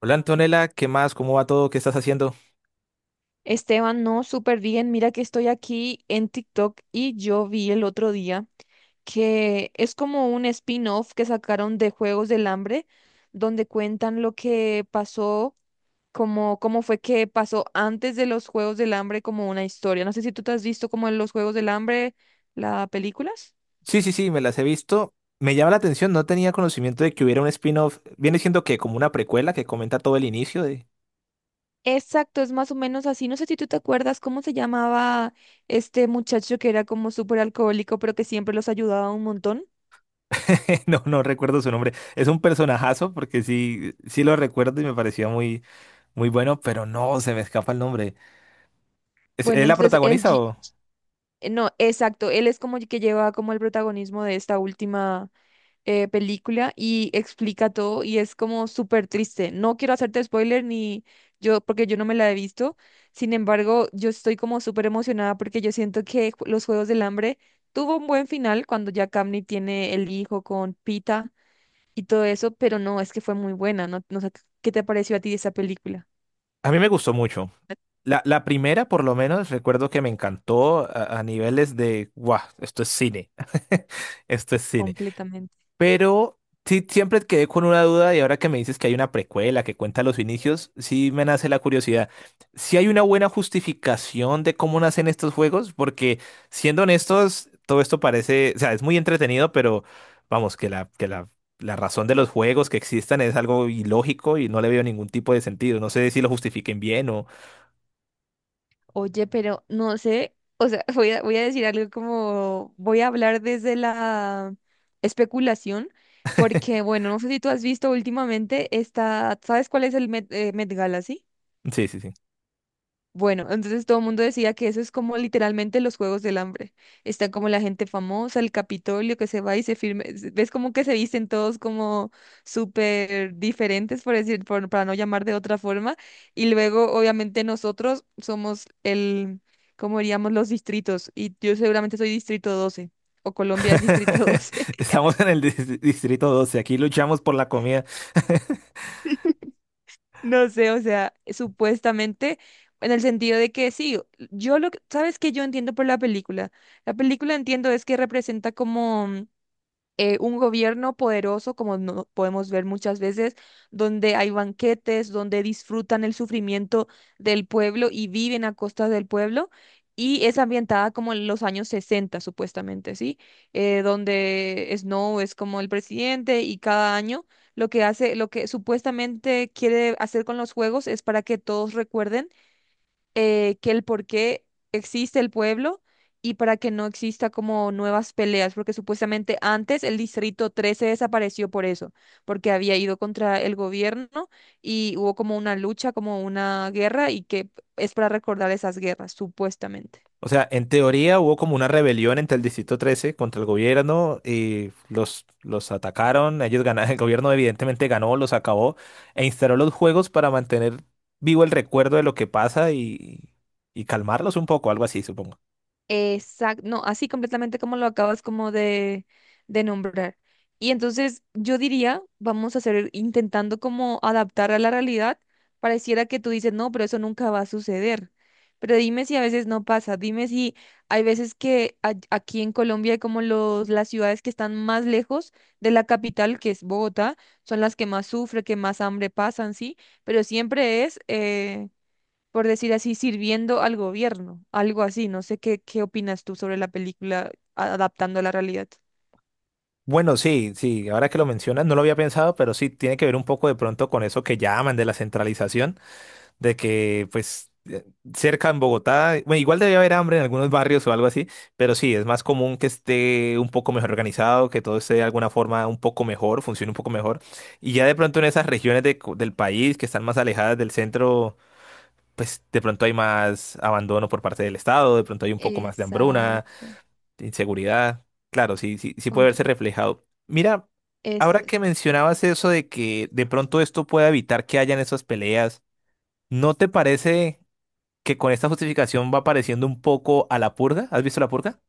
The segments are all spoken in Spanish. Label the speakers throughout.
Speaker 1: Hola Antonella, ¿qué más? ¿Cómo va todo? ¿Qué estás haciendo?
Speaker 2: Esteban, no, súper bien. Mira que estoy aquí en TikTok y yo vi el otro día que es como un spin-off que sacaron de Juegos del Hambre, donde cuentan lo que pasó, como cómo fue que pasó antes de los Juegos del Hambre, como una historia. No sé si tú te has visto como en los Juegos del Hambre, las películas.
Speaker 1: Sí, sí, sí, me las he visto. Me llama la atención, no tenía conocimiento de que hubiera un spin-off. Viene siendo que como una precuela que comenta todo el inicio de...
Speaker 2: Exacto, es más o menos así. No sé si tú te acuerdas cómo se llamaba este muchacho que era como súper alcohólico, pero que siempre los ayudaba un montón.
Speaker 1: No, no recuerdo su nombre. Es un personajazo porque sí, sí lo recuerdo y me pareció muy, muy bueno, pero no, se me escapa el nombre. ¿Es
Speaker 2: Bueno,
Speaker 1: la
Speaker 2: entonces el
Speaker 1: protagonista o...?
Speaker 2: No, exacto. Él es como que lleva como el protagonismo de esta última película y explica todo y es como súper triste. No quiero hacerte spoiler ni yo, porque yo no me la he visto. Sin embargo, yo estoy como súper emocionada porque yo siento que Los Juegos del Hambre tuvo un buen final cuando ya Camney tiene el hijo con Pita y todo eso, pero no, es que fue muy buena, ¿no? No sé, ¿qué te pareció a ti esa película?
Speaker 1: A mí me gustó mucho. La primera, por lo menos, recuerdo que me encantó a niveles de... ¡Guau! Esto es cine. Esto es cine.
Speaker 2: Completamente.
Speaker 1: Pero sí, siempre quedé con una duda y ahora que me dices que hay una precuela que cuenta los inicios, sí me nace la curiosidad. ¿Si hay una buena justificación de cómo nacen estos juegos? Porque siendo honestos, todo esto parece, o sea, es muy entretenido, pero vamos, que la razón de los juegos que existan es algo ilógico y no le veo ningún tipo de sentido. No sé si lo justifiquen bien o...
Speaker 2: Oye, pero no sé, o sea, voy a decir algo como, voy a hablar desde la especulación, porque bueno, no sé si tú has visto últimamente esta, ¿sabes cuál es el Met Gala, sí?
Speaker 1: Sí, sí, sí.
Speaker 2: Bueno, entonces todo el mundo decía que eso es como literalmente los Juegos del Hambre. Está como la gente famosa, el Capitolio que se va y se firme. Ves como que se visten todos como súper diferentes, por decir, para no llamar de otra forma. Y luego, obviamente, nosotros somos cómo diríamos, los distritos. Y yo seguramente soy distrito 12 o Colombia es distrito 12.
Speaker 1: Estamos en el distrito doce, aquí luchamos por la comida.
Speaker 2: No sé, o sea, supuestamente, en el sentido de que sí, ¿sabes qué yo entiendo por la película? La película entiendo es que representa como un gobierno poderoso, como no podemos ver muchas veces, donde hay banquetes, donde disfrutan el sufrimiento del pueblo y viven a costa del pueblo, y es ambientada como en los años 60 supuestamente, ¿sí? Donde Snow es como el presidente y cada año lo que hace, lo que supuestamente quiere hacer con los juegos es para que todos recuerden que el por qué existe el pueblo y para que no exista como nuevas peleas, porque supuestamente antes el Distrito 13 desapareció por eso, porque había ido contra el gobierno y hubo como una lucha, como una guerra y que es para recordar esas guerras, supuestamente.
Speaker 1: O sea, en teoría hubo como una rebelión entre el Distrito 13 contra el gobierno y los atacaron, ellos ganaron, el gobierno evidentemente ganó, los acabó e instaló los juegos para mantener vivo el recuerdo de lo que pasa y calmarlos un poco, algo así, supongo.
Speaker 2: Exacto, no, así completamente como lo acabas como de nombrar. Y entonces yo diría, vamos a hacer, intentando como adaptar a la realidad, pareciera que tú dices, no, pero eso nunca va a suceder. Pero dime si a veces no pasa, dime si hay veces que aquí en Colombia hay como las ciudades que están más lejos de la capital, que es Bogotá, son las que más sufren, que más hambre pasan, sí, pero siempre es, por decir así, sirviendo al gobierno, algo así. No sé qué opinas tú sobre la película adaptando a la realidad.
Speaker 1: Bueno, sí, sí, ahora que lo mencionas, no lo había pensado, pero sí tiene que ver un poco de pronto con eso que llaman de la centralización de que pues cerca en Bogotá, bueno, igual debe haber hambre en algunos barrios o algo así, pero sí, es más común que esté un poco mejor organizado, que todo esté de alguna forma un poco mejor, funcione un poco mejor. Y ya de pronto en esas regiones del país que están más alejadas del centro, pues de pronto hay más abandono por parte del Estado, de pronto hay un poco más de hambruna,
Speaker 2: Exacto.
Speaker 1: de inseguridad. Claro, sí, sí, sí puede
Speaker 2: compro-
Speaker 1: verse reflejado. Mira,
Speaker 2: Es,
Speaker 1: ahora que mencionabas eso de que de pronto esto pueda evitar que hayan esas peleas, ¿no te parece que con esta justificación va pareciendo un poco a la purga? ¿Has visto la purga?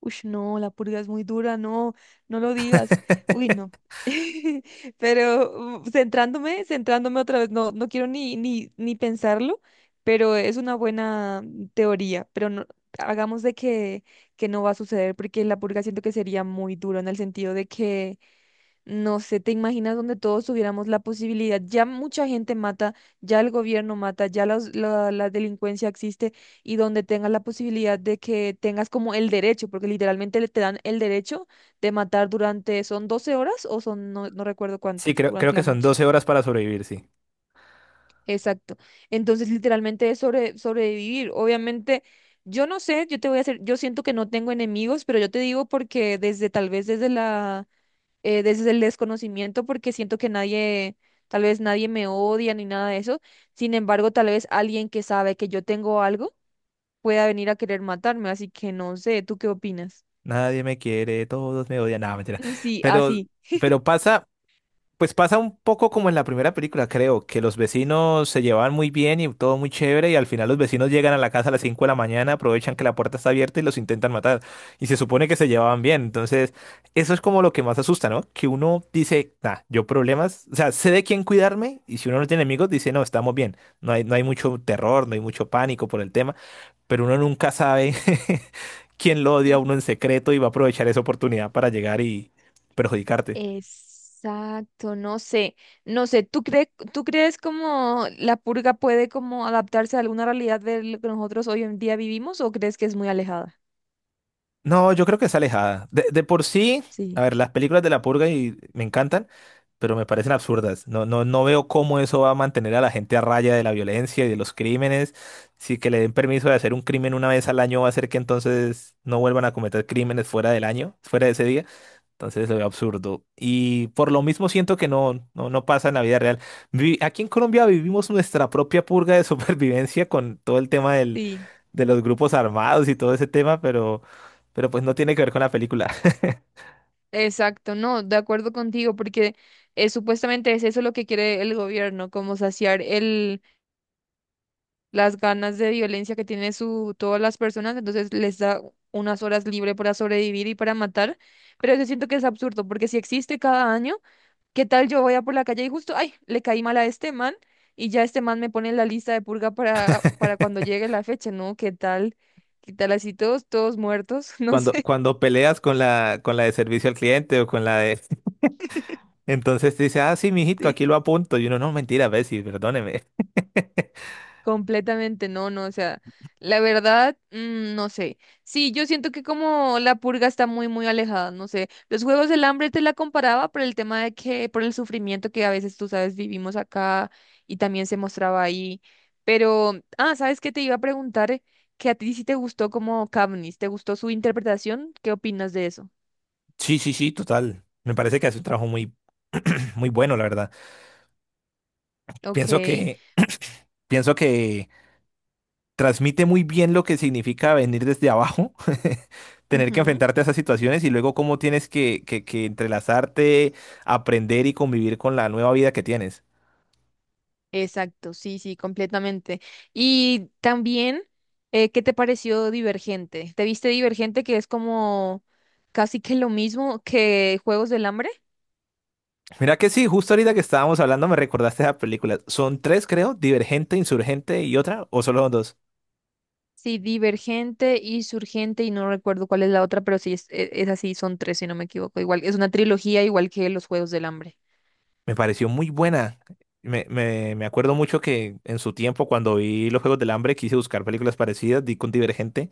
Speaker 2: Uy, no, la purga es muy dura, no, no lo digas. Uy, no. Pero centrándome, centrándome otra vez, no, no quiero ni pensarlo, pero es una buena teoría, pero no, hagamos de que no va a suceder, porque la purga siento que sería muy duro en el sentido de que no sé, ¿te imaginas donde todos tuviéramos la posibilidad? Ya mucha gente mata, ya el gobierno mata, ya la delincuencia existe y donde tengas la posibilidad de que tengas como el derecho, porque literalmente te dan el derecho de matar durante, son 12 horas o son, no, no recuerdo cuánto,
Speaker 1: Sí, creo
Speaker 2: durante
Speaker 1: que
Speaker 2: la
Speaker 1: son
Speaker 2: noche.
Speaker 1: 12 horas para sobrevivir, sí.
Speaker 2: Exacto. Entonces, literalmente es sobrevivir. Obviamente, yo no sé, yo te voy a hacer, yo siento que no tengo enemigos, pero yo te digo porque desde tal vez desde el desconocimiento porque siento que nadie, tal vez nadie me odia ni nada de eso. Sin embargo, tal vez alguien que sabe que yo tengo algo pueda venir a querer matarme, así que no sé, ¿tú qué opinas?
Speaker 1: Nadie me quiere, todos me odian. Nada, mentira.
Speaker 2: Sí,
Speaker 1: Pero,
Speaker 2: así.
Speaker 1: pero pasa, Pues pasa un poco como en la primera película, creo, que los vecinos se llevaban muy bien y todo muy chévere y al final los vecinos llegan a la casa a las 5 de la mañana, aprovechan que la puerta está abierta y los intentan matar. Y se supone que se llevaban bien. Entonces, eso es como lo que más asusta, ¿no? Que uno dice, nah, yo problemas, o sea, sé de quién cuidarme, y si uno no tiene amigos, dice, no, estamos bien. No hay, no hay mucho terror, no hay mucho pánico por el tema, pero uno nunca sabe quién lo odia a uno en secreto y va a aprovechar esa oportunidad para llegar y perjudicarte.
Speaker 2: Exacto, no sé, ¿tú crees como la purga puede como adaptarse a alguna realidad de lo que nosotros hoy en día vivimos o crees que es muy alejada?
Speaker 1: No, yo creo que es alejada. De por sí, a
Speaker 2: Sí.
Speaker 1: ver, las películas de La Purga y me encantan, pero me parecen absurdas. No, no, no veo cómo eso va a mantener a la gente a raya de la violencia y de los crímenes. Si que le den permiso de hacer un crimen una vez al año va a hacer que entonces no vuelvan a cometer crímenes fuera del año, fuera de ese día. Entonces se ve absurdo. Y por lo mismo siento que no, no, no pasa en la vida real. Aquí en Colombia vivimos nuestra propia purga de supervivencia con todo el tema del,
Speaker 2: Sí.
Speaker 1: de los grupos armados y todo ese tema, pero pues no tiene que ver con la película.
Speaker 2: Exacto, no, de acuerdo contigo, porque supuestamente es eso lo que quiere el gobierno, como saciar las ganas de violencia que tiene todas las personas, entonces les da unas horas libre para sobrevivir y para matar, pero yo siento que es absurdo, porque si existe cada año, ¿qué tal yo voy a por la calle y justo, ay, le caí mal a este man y ya este man me pone en la lista de purga para cuando llegue la fecha, ¿no? ¿Qué tal? ¿Qué tal así todos, todos muertos? No
Speaker 1: Cuando,
Speaker 2: sé.
Speaker 1: cuando peleas con la de servicio al cliente o con la de... Entonces te dice, ah, sí, mijito,
Speaker 2: Sí.
Speaker 1: aquí lo apunto. Y uno, no, mentira, Bessie, perdóneme.
Speaker 2: Completamente no, no, o sea, la verdad, no sé. Sí, yo siento que como la purga está muy, muy alejada, no sé. Los Juegos del Hambre te la comparaba por el tema de que, por el sufrimiento que a veces, tú sabes, vivimos acá y también se mostraba ahí. Pero, ah, ¿sabes qué? Te iba a preguntar que a ti sí te gustó como Katniss, ¿te gustó su interpretación? ¿Qué opinas de eso?
Speaker 1: Sí, sí, sí, total. Me parece que hace un trabajo muy, muy bueno, la verdad. Pienso
Speaker 2: Ok.
Speaker 1: que, pienso que transmite muy bien lo que significa venir desde abajo, tener que,
Speaker 2: Ujú.
Speaker 1: enfrentarte a esas situaciones y luego cómo tienes que entrelazarte, aprender y convivir con la nueva vida que tienes.
Speaker 2: Exacto, sí, sí, completamente. Y también, ¿qué te pareció Divergente? ¿Te viste Divergente que es como casi que lo mismo que Juegos del Hambre?
Speaker 1: Mira que sí, justo ahorita que estábamos hablando me recordaste esa película. Son tres, creo, Divergente, Insurgente y otra, o solo son dos.
Speaker 2: Sí, Divergente y Surgente y no recuerdo cuál es la otra, pero sí, es así, son tres, si no me equivoco. Igual, es una trilogía igual que los Juegos del Hambre.
Speaker 1: Me pareció muy buena. Me acuerdo mucho que en su tiempo, cuando vi los Juegos del Hambre, quise buscar películas parecidas, di con Divergente,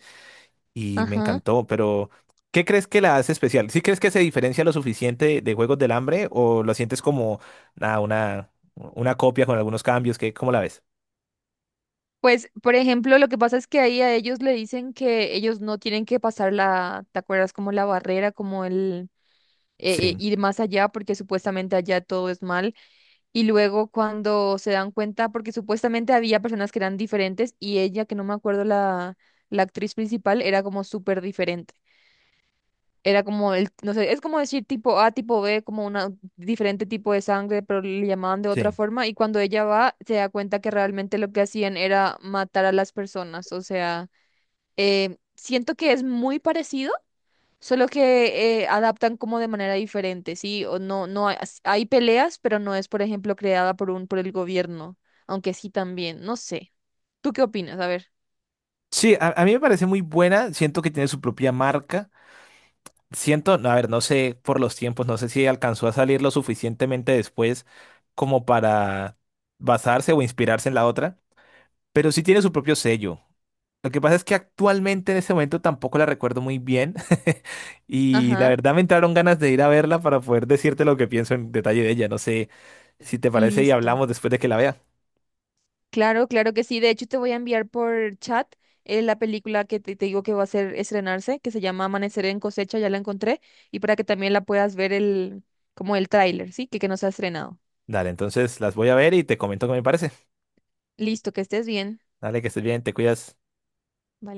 Speaker 1: y me
Speaker 2: Ajá.
Speaker 1: encantó, pero ¿qué crees que la hace especial? ¿Sí crees que se diferencia lo suficiente de Juegos del Hambre o lo sientes como nada, una copia con algunos cambios? ¿Qué, cómo la ves?
Speaker 2: Pues, por ejemplo, lo que pasa es que ahí a ellos le dicen que ellos no tienen que pasar la, ¿te acuerdas? Como la barrera, como el
Speaker 1: Sí,
Speaker 2: ir más allá, porque supuestamente allá todo es mal. Y luego cuando se dan cuenta, porque supuestamente había personas que eran diferentes y ella, que no me acuerdo la actriz principal, era como súper diferente. Era como no sé, es como decir tipo A, tipo B, como una diferente tipo de sangre, pero le llamaban de otra
Speaker 1: sí.
Speaker 2: forma. Y cuando ella va, se da cuenta que realmente lo que hacían era matar a las personas. O sea, siento que es muy parecido. Solo que adaptan como de manera diferente, ¿sí? O no, no hay, hay peleas, pero no es, por ejemplo, creada por el gobierno, aunque sí también, no sé. ¿Tú qué opinas? A ver.
Speaker 1: Sí, a mí me parece muy buena, siento que tiene su propia marca, siento, no, a ver, no sé por los tiempos, no sé si alcanzó a salir lo suficientemente después como para basarse o inspirarse en la otra, pero sí tiene su propio sello. Lo que pasa es que actualmente en ese momento tampoco la recuerdo muy bien y la
Speaker 2: Ajá,
Speaker 1: verdad me entraron ganas de ir a verla para poder decirte lo que pienso en detalle de ella. No sé si te parece y
Speaker 2: listo.
Speaker 1: hablamos después de que la vea.
Speaker 2: Claro, claro que sí. De hecho, te voy a enviar por chat la película que te digo que va a ser estrenarse, que se llama Amanecer en cosecha, ya la encontré, y para que también la puedas ver como el tráiler, ¿sí? Que no se ha estrenado.
Speaker 1: Dale, entonces las voy a ver y te comento qué me parece.
Speaker 2: Listo, que estés bien.
Speaker 1: Dale, que estés bien, te cuidas.
Speaker 2: Vale.